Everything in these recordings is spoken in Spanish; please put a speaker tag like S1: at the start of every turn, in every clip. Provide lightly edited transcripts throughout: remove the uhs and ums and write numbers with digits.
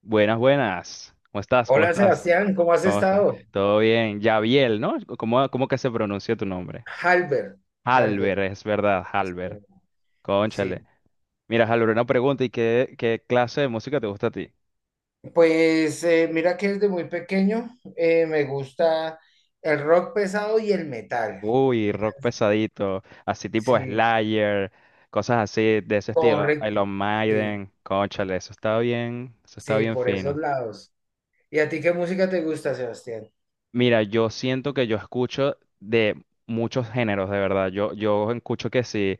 S1: Buenas, buenas. ¿Cómo estás? ¿Cómo
S2: Hola
S1: estás?
S2: Sebastián, ¿cómo has
S1: ¿Cómo estás?
S2: estado?
S1: Todo bien. Yaviel, ¿no? ¿Cómo que se pronuncia tu nombre?
S2: Halber, Halber.
S1: Halber, es verdad, Halber. Cónchale.
S2: Sí,
S1: Mira, Halber, una pregunta. ¿Y qué clase de música te gusta a ti?
S2: mira que desde muy pequeño me gusta el rock pesado y el metal.
S1: Uy, rock pesadito, así tipo
S2: Sí,
S1: Slayer, cosas así de ese estilo.
S2: correcto.
S1: Iron
S2: Sí,
S1: Maiden, cónchale, eso está
S2: sí,
S1: bien
S2: por esos
S1: fino.
S2: lados. ¿Y a ti qué música te gusta, Sebastián?
S1: Mira, yo siento que yo escucho de muchos géneros, de verdad. Yo escucho que sí.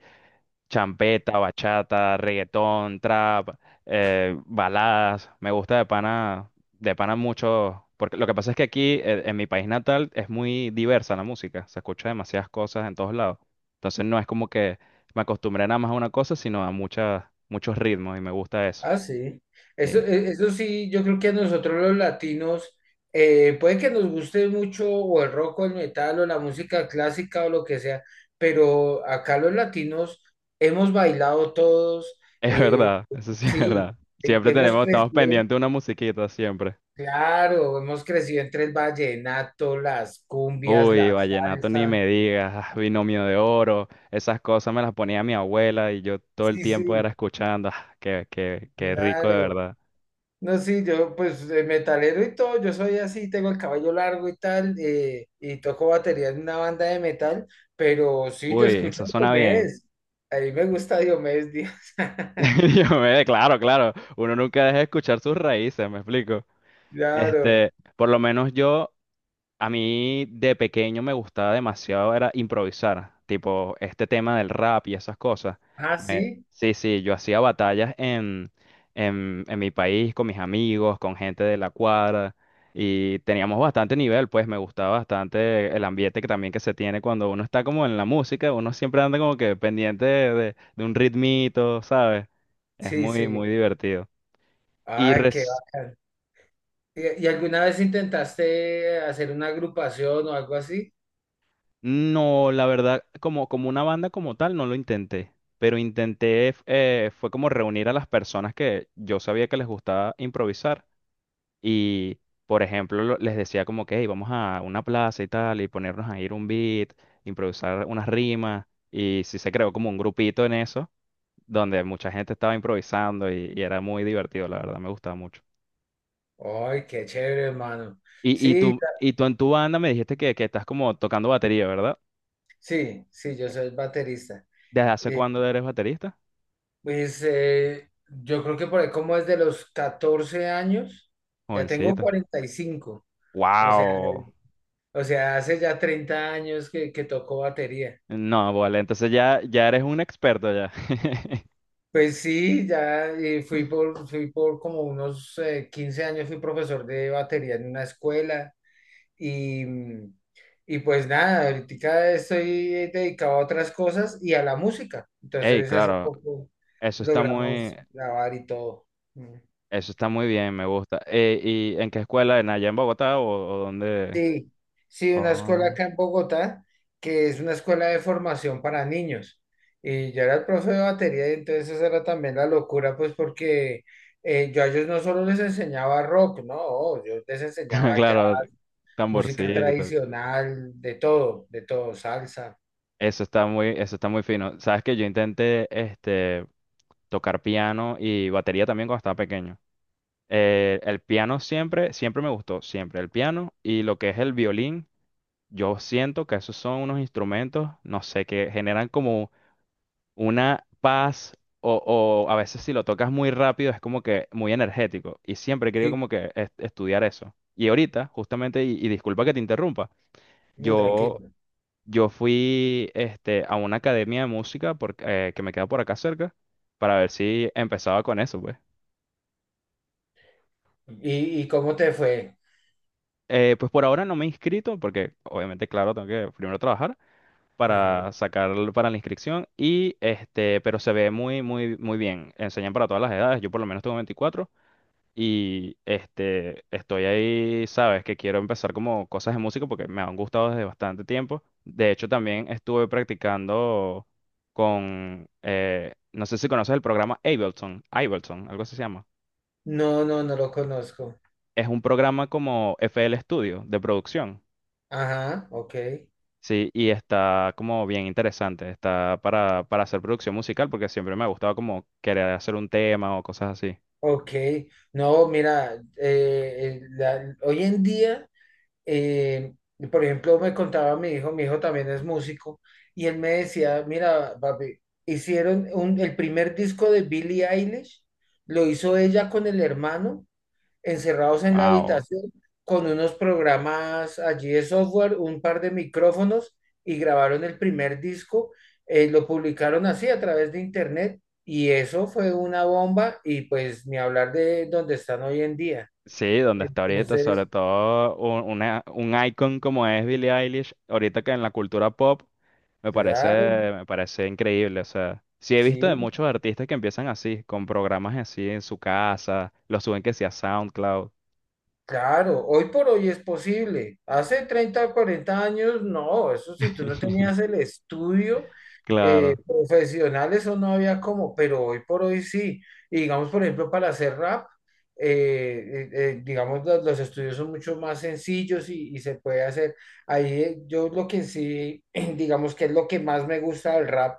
S1: Champeta, bachata, reggaetón, trap, baladas. Me gusta de pana mucho, porque lo que pasa es que aquí, en mi país natal, es muy diversa la música, se escucha demasiadas cosas en todos lados. Entonces no es como que me acostumbré nada más a una cosa, sino a muchas, muchos ritmos y me gusta eso.
S2: Ah, sí.
S1: Sí,
S2: Eso sí, yo creo que a nosotros los latinos, puede que nos guste mucho o el rock o el metal o la música clásica o lo que sea, pero acá los latinos hemos bailado todos,
S1: es
S2: eh,
S1: verdad, eso sí es
S2: sí,
S1: verdad. Siempre
S2: hemos
S1: tenemos, estamos
S2: crecido,
S1: pendientes de una musiquita, siempre.
S2: claro, hemos crecido entre el vallenato, las cumbias,
S1: Uy,
S2: la
S1: vallenato ni
S2: salsa.
S1: me digas, ah, binomio de oro, esas cosas me las ponía mi abuela y yo todo el
S2: Sí,
S1: tiempo era
S2: sí,
S1: escuchando, ah, qué rico de
S2: claro.
S1: verdad.
S2: No, sí, yo pues de metalero y todo, yo soy así, tengo el cabello largo y tal, y toco batería en una banda de metal, pero sí, yo
S1: Uy,
S2: escucho
S1: eso
S2: a
S1: suena bien.
S2: Diomedes, a mí me gusta Diomedes Díaz.
S1: Yo me, claro, claro, uno nunca deja de escuchar sus raíces, me explico.
S2: Claro,
S1: Este, por lo menos yo. A mí de pequeño me gustaba demasiado era improvisar, tipo este tema del rap y esas cosas.
S2: ah, sí,
S1: Sí, sí, yo hacía batallas en mi país con mis amigos, con gente de la cuadra y teníamos bastante nivel, pues me gustaba bastante el ambiente que también que se tiene cuando uno está como en la música, uno siempre anda como que pendiente de un ritmito, ¿sabes? Es
S2: sí,
S1: muy,
S2: sí,
S1: muy divertido. Y
S2: ah, qué
S1: reci-
S2: bacán. Y alguna vez intentaste hacer una agrupación o algo así?
S1: No, la verdad, como, como una banda como tal, no lo intenté, pero intenté, fue como reunir a las personas que yo sabía que les gustaba improvisar y, por ejemplo, les decía como que, hey, vamos a una plaza y tal y ponernos a ir un beat, improvisar unas rimas y sí se creó como un grupito en eso, donde mucha gente estaba improvisando y era muy divertido, la verdad, me gustaba mucho.
S2: Ay, qué chévere, hermano,
S1: Y, y
S2: sí,
S1: tú, y tú en tu banda me dijiste que estás como tocando batería, ¿verdad?
S2: sí, sí, yo soy baterista.
S1: ¿Desde hace
S2: Eh,
S1: cuándo eres baterista?
S2: Yo creo que por ahí como desde los 14 años, ya tengo
S1: Jovencito.
S2: 45, o sea,
S1: Wow.
S2: o sea, hace ya 30 años que toco batería.
S1: No, vale, entonces ya, ya eres un experto ya.
S2: Pues sí, fui por, fui por como unos 15 años, fui profesor de batería en una escuela y, mm, y pues nada, ahorita estoy dedicado a otras cosas y a la música.
S1: Ey,
S2: Entonces hace
S1: claro,
S2: poco
S1: eso está muy,
S2: logramos grabar y todo.
S1: eso está muy bien, me gusta. ¿Y en qué escuela? ¿En allá en Bogotá o dónde?
S2: Sí, sí, una escuela
S1: Oh,
S2: acá en Bogotá, que es una escuela de formación para niños. Y yo era el profe de batería y entonces esa era también la locura, pues porque yo a ellos no solo les enseñaba rock, no, oh, yo les enseñaba ya
S1: claro,
S2: música
S1: tamborcito.
S2: tradicional, de todo, salsa.
S1: Eso está muy fino. Sabes que yo intenté este tocar piano y batería también cuando estaba pequeño. El piano siempre, siempre me gustó, siempre el piano y lo que es el violín. Yo siento que esos son unos instrumentos, no sé, que generan como una paz o, o a veces si lo tocas muy rápido es como que muy energético. Y siempre he querido
S2: Sí,
S1: como que estudiar eso. Y ahorita, justamente, y disculpa que te interrumpa,
S2: no,
S1: yo,
S2: tranquilo.
S1: yo fui este, a una academia de música porque, que me queda por acá cerca para ver si empezaba con eso, pues.
S2: Y cómo te fue?
S1: Pues por ahora no me he inscrito porque obviamente, claro, tengo que primero trabajar
S2: Ajá.
S1: para sacar para la inscripción y este, pero se ve muy, muy, muy bien. Enseñan para todas las edades. Yo por lo menos tengo 24 y este, estoy ahí, sabes, que quiero empezar como cosas de música porque me han gustado desde bastante tiempo. De hecho, también estuve practicando con, no sé si conoces el programa Ableton, Ableton, algo así se llama.
S2: No, no, no lo conozco.
S1: Es un programa como FL Studio de producción.
S2: Ajá, ok.
S1: Sí, y está como bien interesante, está para hacer producción musical porque siempre me ha gustado como querer hacer un tema o cosas así.
S2: Ok, no, mira, hoy en día y por ejemplo, me contaba mi hijo también es músico, y él me decía, mira, papi, el primer disco de Billie Eilish, lo hizo ella con el hermano, encerrados en la
S1: Wow.
S2: habitación, con unos programas allí de software, un par de micrófonos, y grabaron el primer disco, lo publicaron así a través de internet, y eso fue una bomba, y pues ni hablar de donde están hoy en día.
S1: Sí, donde está ahorita, sobre
S2: Entonces,
S1: todo un icon como es Billie Eilish, ahorita que en la cultura pop me parece,
S2: claro,
S1: me parece increíble. O sea, sí he visto de
S2: sí.
S1: muchos artistas que empiezan así, con programas así en su casa, los suben que sea SoundCloud.
S2: Claro, hoy por hoy es posible. Hace 30 o 40 años, no, eso si tú no tenías el estudio
S1: Claro,
S2: profesional, eso no había como, pero hoy por hoy sí. Y digamos, por ejemplo, para hacer rap, digamos, los estudios son mucho más sencillos y se puede hacer. Ahí yo lo que sí, digamos que es lo que más me gusta del rap,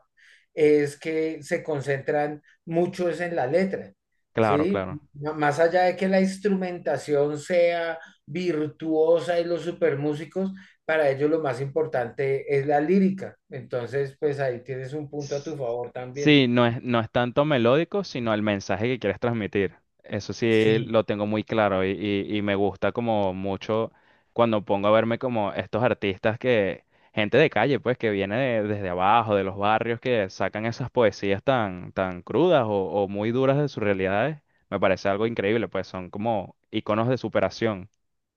S2: es que se concentran mucho es en la letra.
S1: claro,
S2: Sí,
S1: claro.
S2: no, más allá de que la instrumentación sea virtuosa y los supermúsicos, para ellos lo más importante es la lírica. Entonces, pues ahí tienes un punto a tu favor también.
S1: Sí, no es, no es tanto melódico, sino el mensaje que quieres transmitir. Eso sí
S2: Sí.
S1: lo tengo muy claro y, y me gusta como mucho cuando pongo a verme como estos artistas que, gente de calle, pues, que viene desde abajo, de los barrios, que sacan esas poesías tan, tan crudas o muy duras de sus realidades. Me parece algo increíble, pues son como iconos de superación.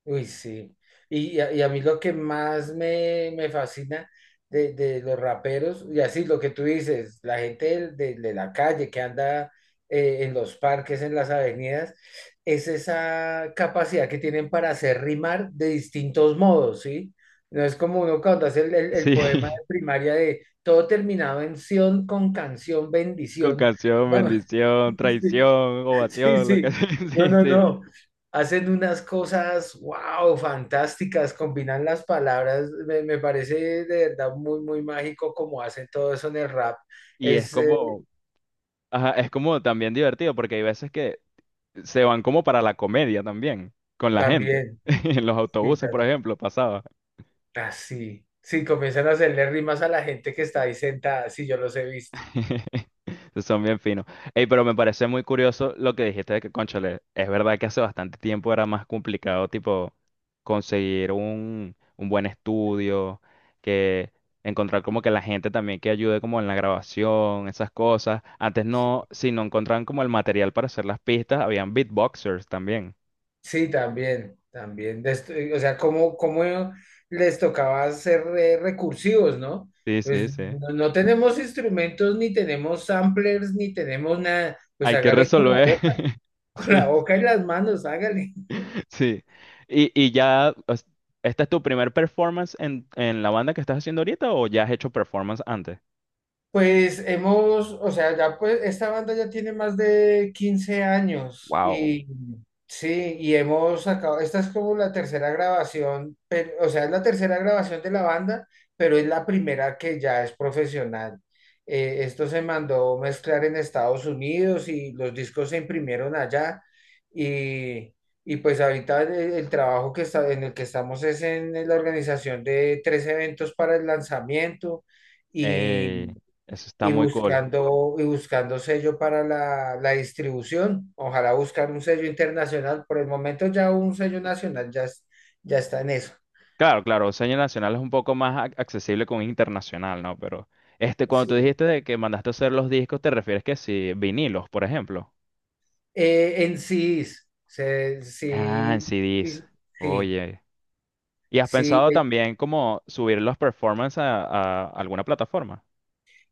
S2: Uy, sí. Y a mí lo que más me fascina de los raperos, y así lo que tú dices, la gente de la calle que anda en los parques, en las avenidas, es esa capacidad que tienen para hacer rimar de distintos modos, ¿sí? No es como uno cuando hace el
S1: Sí,
S2: poema de primaria de todo terminado en sion con canción,
S1: con
S2: bendición.
S1: canción,
S2: No,
S1: bendición, traición,
S2: sí,
S1: ovación, lo que
S2: sí.
S1: sea.
S2: No,
S1: Sí,
S2: no,
S1: sí.
S2: no. Hacen unas cosas, wow, fantásticas. Combinan las palabras. Me parece de verdad muy, muy mágico como hacen todo eso en el rap.
S1: Y es
S2: Es
S1: como. Ajá, es como también divertido porque hay veces que se van como para la comedia también con la gente.
S2: también,
S1: En los
S2: sí,
S1: autobuses, por ejemplo, pasaba.
S2: así. Sí, comienzan a hacerle rimas a la gente que está ahí sentada. Sí, yo los he visto.
S1: Son bien finos. Ey, pero me parece muy curioso lo que dijiste de que, cónchale, es verdad que hace bastante tiempo era más complicado, tipo, conseguir un buen estudio, que encontrar como que la gente también que ayude como en la grabación, esas cosas. Antes
S2: Sí.
S1: no, si no encontraban como el material para hacer las pistas, habían beatboxers también.
S2: Sí, también, también. O sea, ¿cómo, cómo les tocaba ser recursivos, ¿no?
S1: Sí, sí,
S2: Pues
S1: sí.
S2: no, no tenemos instrumentos, ni tenemos samplers, ni tenemos nada. Pues
S1: Hay que
S2: hágale con la
S1: resolver.
S2: boca, con
S1: Sí,
S2: la boca y las manos, hágale.
S1: sí. Y, y ya, os- ¿Esta es tu primer performance en la banda que estás haciendo ahorita o ya has hecho performance antes?
S2: Pues hemos, o sea, ya pues esta banda ya tiene más de 15 años
S1: Wow.
S2: y sí, y hemos sacado, esta es como la tercera grabación, pero, o sea, es la tercera grabación de la banda, pero es la primera que ya es profesional. Esto se mandó mezclar en Estados Unidos y los discos se imprimieron allá y, y pues ahorita el trabajo que está, en el que estamos es en la organización de tres eventos para el lanzamiento. Y
S1: Ey, eso está
S2: y
S1: muy cool.
S2: buscando, y buscando sello para la distribución. Ojalá buscar un sello internacional. Por el momento ya un sello nacional ya, ya está en eso.
S1: Claro, claro, Seña Nacional es un poco más accesible con internacional, ¿no? Pero este, cuando tú
S2: Sí.
S1: dijiste de que mandaste a hacer los discos, ¿te refieres que sí, vinilos, por ejemplo?
S2: En CDs,
S1: Ah, en
S2: sí,
S1: CDs.
S2: sí, sí,
S1: Oye. ¿Y has
S2: sí,
S1: pensado también como subir los performances a alguna plataforma?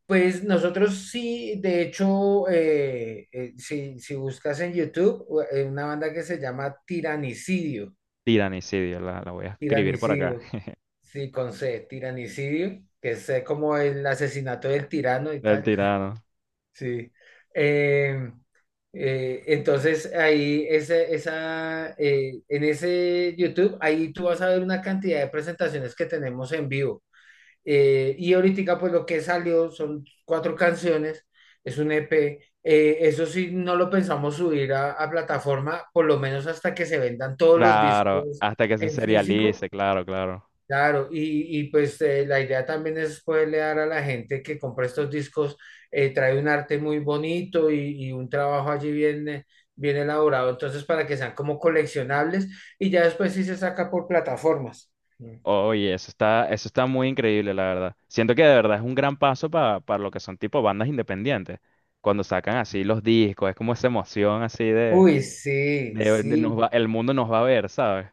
S2: pues nosotros sí, de hecho, si, si buscas en YouTube, una banda que se llama Tiranicidio,
S1: Tiranicidio, la voy a escribir por acá.
S2: Tiranicidio, sí, con C, Tiranicidio, que es como el asesinato del tirano y
S1: Del
S2: tal.
S1: tirano.
S2: Sí. Eh, entonces ahí esa, esa, en ese YouTube, ahí tú vas a ver una cantidad de presentaciones que tenemos en vivo. Y ahorita pues lo que salió son cuatro canciones, es un EP. Eso sí, no lo pensamos subir a plataforma, por lo menos hasta que se vendan todos los
S1: Claro,
S2: discos
S1: hasta que se
S2: en
S1: serialice,
S2: físico.
S1: claro, claro.
S2: Claro, y pues la idea también es poderle dar a la gente que compra estos discos, trae un arte muy bonito y un trabajo allí bien, bien elaborado, entonces para que sean como coleccionables y ya después sí se saca por plataformas. Mm.
S1: Oye, eso está muy increíble, la verdad. Siento que de verdad es un gran paso para lo que son tipo bandas independientes. Cuando sacan así los discos, es como esa emoción así de,
S2: Uy, sí,
S1: de
S2: sí,
S1: el mundo nos va a ver, ¿sabes?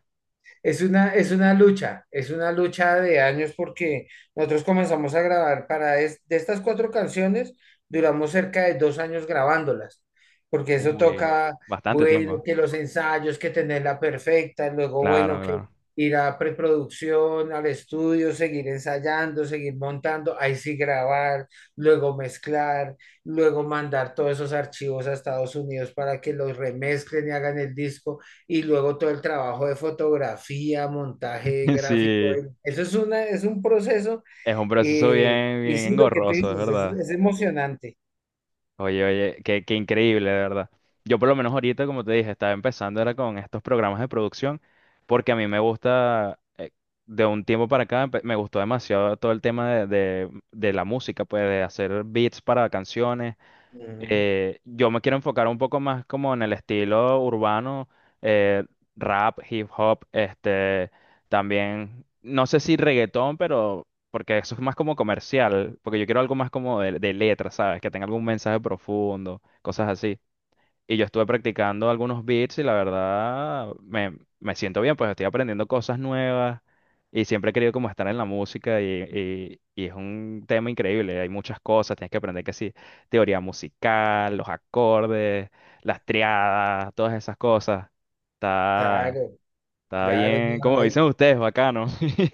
S2: es una, es una lucha de años porque nosotros comenzamos a grabar para de estas cuatro canciones, duramos cerca de 2 años grabándolas, porque eso
S1: Uy,
S2: toca,
S1: bastante tiempo.
S2: bueno, que los ensayos, que tenerla perfecta, luego, bueno,
S1: Claro,
S2: que
S1: claro.
S2: ir a preproducción, al estudio, seguir ensayando, seguir montando, ahí sí grabar, luego mezclar, luego mandar todos esos archivos a Estados Unidos para que los remezclen y hagan el disco y luego todo el trabajo de fotografía, montaje gráfico.
S1: Sí,
S2: Eso es una, es un proceso
S1: es un proceso bien,
S2: y
S1: bien
S2: sí, lo que tú
S1: engorroso, es
S2: dices
S1: verdad.
S2: es emocionante.
S1: Oye, oye, qué increíble, de verdad. Yo por lo menos ahorita, como te dije, estaba empezando era con estos programas de producción, porque a mí me gusta, de un tiempo para acá, me gustó demasiado todo el tema de, de la música, pues de hacer beats para canciones,
S2: Ujú,
S1: yo me quiero enfocar un poco más como en el estilo urbano, eh, rap, hip hop, este, también, no sé si reggaetón, pero porque eso es más como comercial, porque yo quiero algo más como de letra, ¿sabes? Que tenga algún mensaje profundo, cosas así. Y yo estuve practicando algunos beats y la verdad me, me siento bien, pues estoy aprendiendo cosas nuevas y siempre he querido como estar en la música y, y es un tema increíble, hay muchas cosas, tienes que aprender que sí, teoría musical, los acordes, las triadas, todas esas cosas. Está,
S2: claro,
S1: está
S2: claro. No,
S1: bien, como
S2: ay,
S1: dicen ustedes, bacano.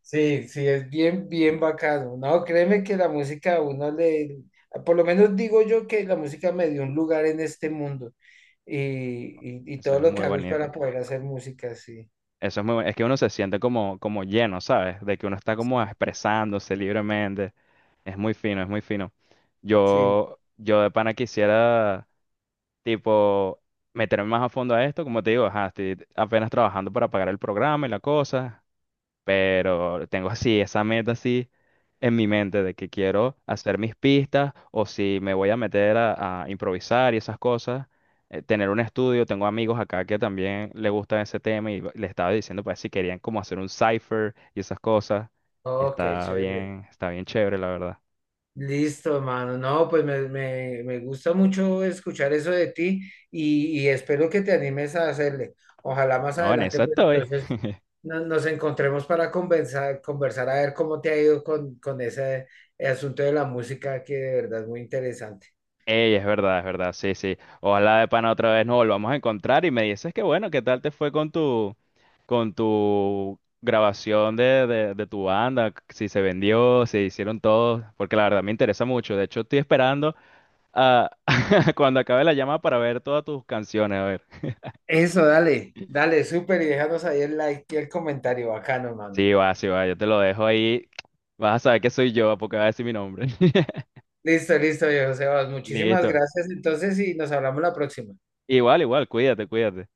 S2: sí, sí, es bien, bien bacano. No, créeme que la música a uno le, por lo menos digo yo que la música me dio un lugar en este mundo y
S1: Eso
S2: todo
S1: es
S2: lo que
S1: muy
S2: hago es
S1: bonito.
S2: para poder hacer música, sí.
S1: Eso es muy bueno. Es que uno se siente como, como lleno, ¿sabes? De que uno está como
S2: Sí.
S1: expresándose libremente. Es muy fino, es muy fino.
S2: Sí.
S1: Yo de pana quisiera, tipo, meterme más a fondo a esto. Como te digo, ajá, estoy apenas trabajando para pagar el programa y la cosa. Pero tengo así esa meta así en mi mente de que quiero hacer mis pistas o si me voy a meter a improvisar y esas cosas, tener un estudio. Tengo amigos acá que también le gusta ese tema y le estaba diciendo pues si querían como hacer un cipher y esas cosas. Y
S2: Oh, qué chévere.
S1: está bien chévere, la verdad.
S2: Listo, hermano. No, pues me gusta mucho escuchar eso de ti y espero que te animes a hacerle. Ojalá más
S1: No, en
S2: adelante,
S1: eso
S2: pues
S1: estoy.
S2: entonces nos encontremos para conversar, conversar a ver cómo te ha ido con ese asunto de la música que de verdad es muy interesante.
S1: Ey, es verdad, sí, sí. Ojalá de pana otra vez nos volvamos a encontrar y me dices que bueno, ¿qué tal te fue con tu grabación de tu banda? Si se vendió, si hicieron todo porque la verdad me interesa mucho. De hecho, estoy esperando a cuando acabe la llamada para ver todas tus canciones. A ver.
S2: Eso, dale, dale, súper y déjanos ahí el like y el comentario bacano, hermano.
S1: Sí, va, yo te lo dejo ahí. Vas a saber que soy yo porque va a decir mi nombre.
S2: Listo, listo, viejo Sebas. Muchísimas
S1: Listo.
S2: gracias entonces y nos hablamos la próxima.
S1: Igual, igual, cuídate, cuídate.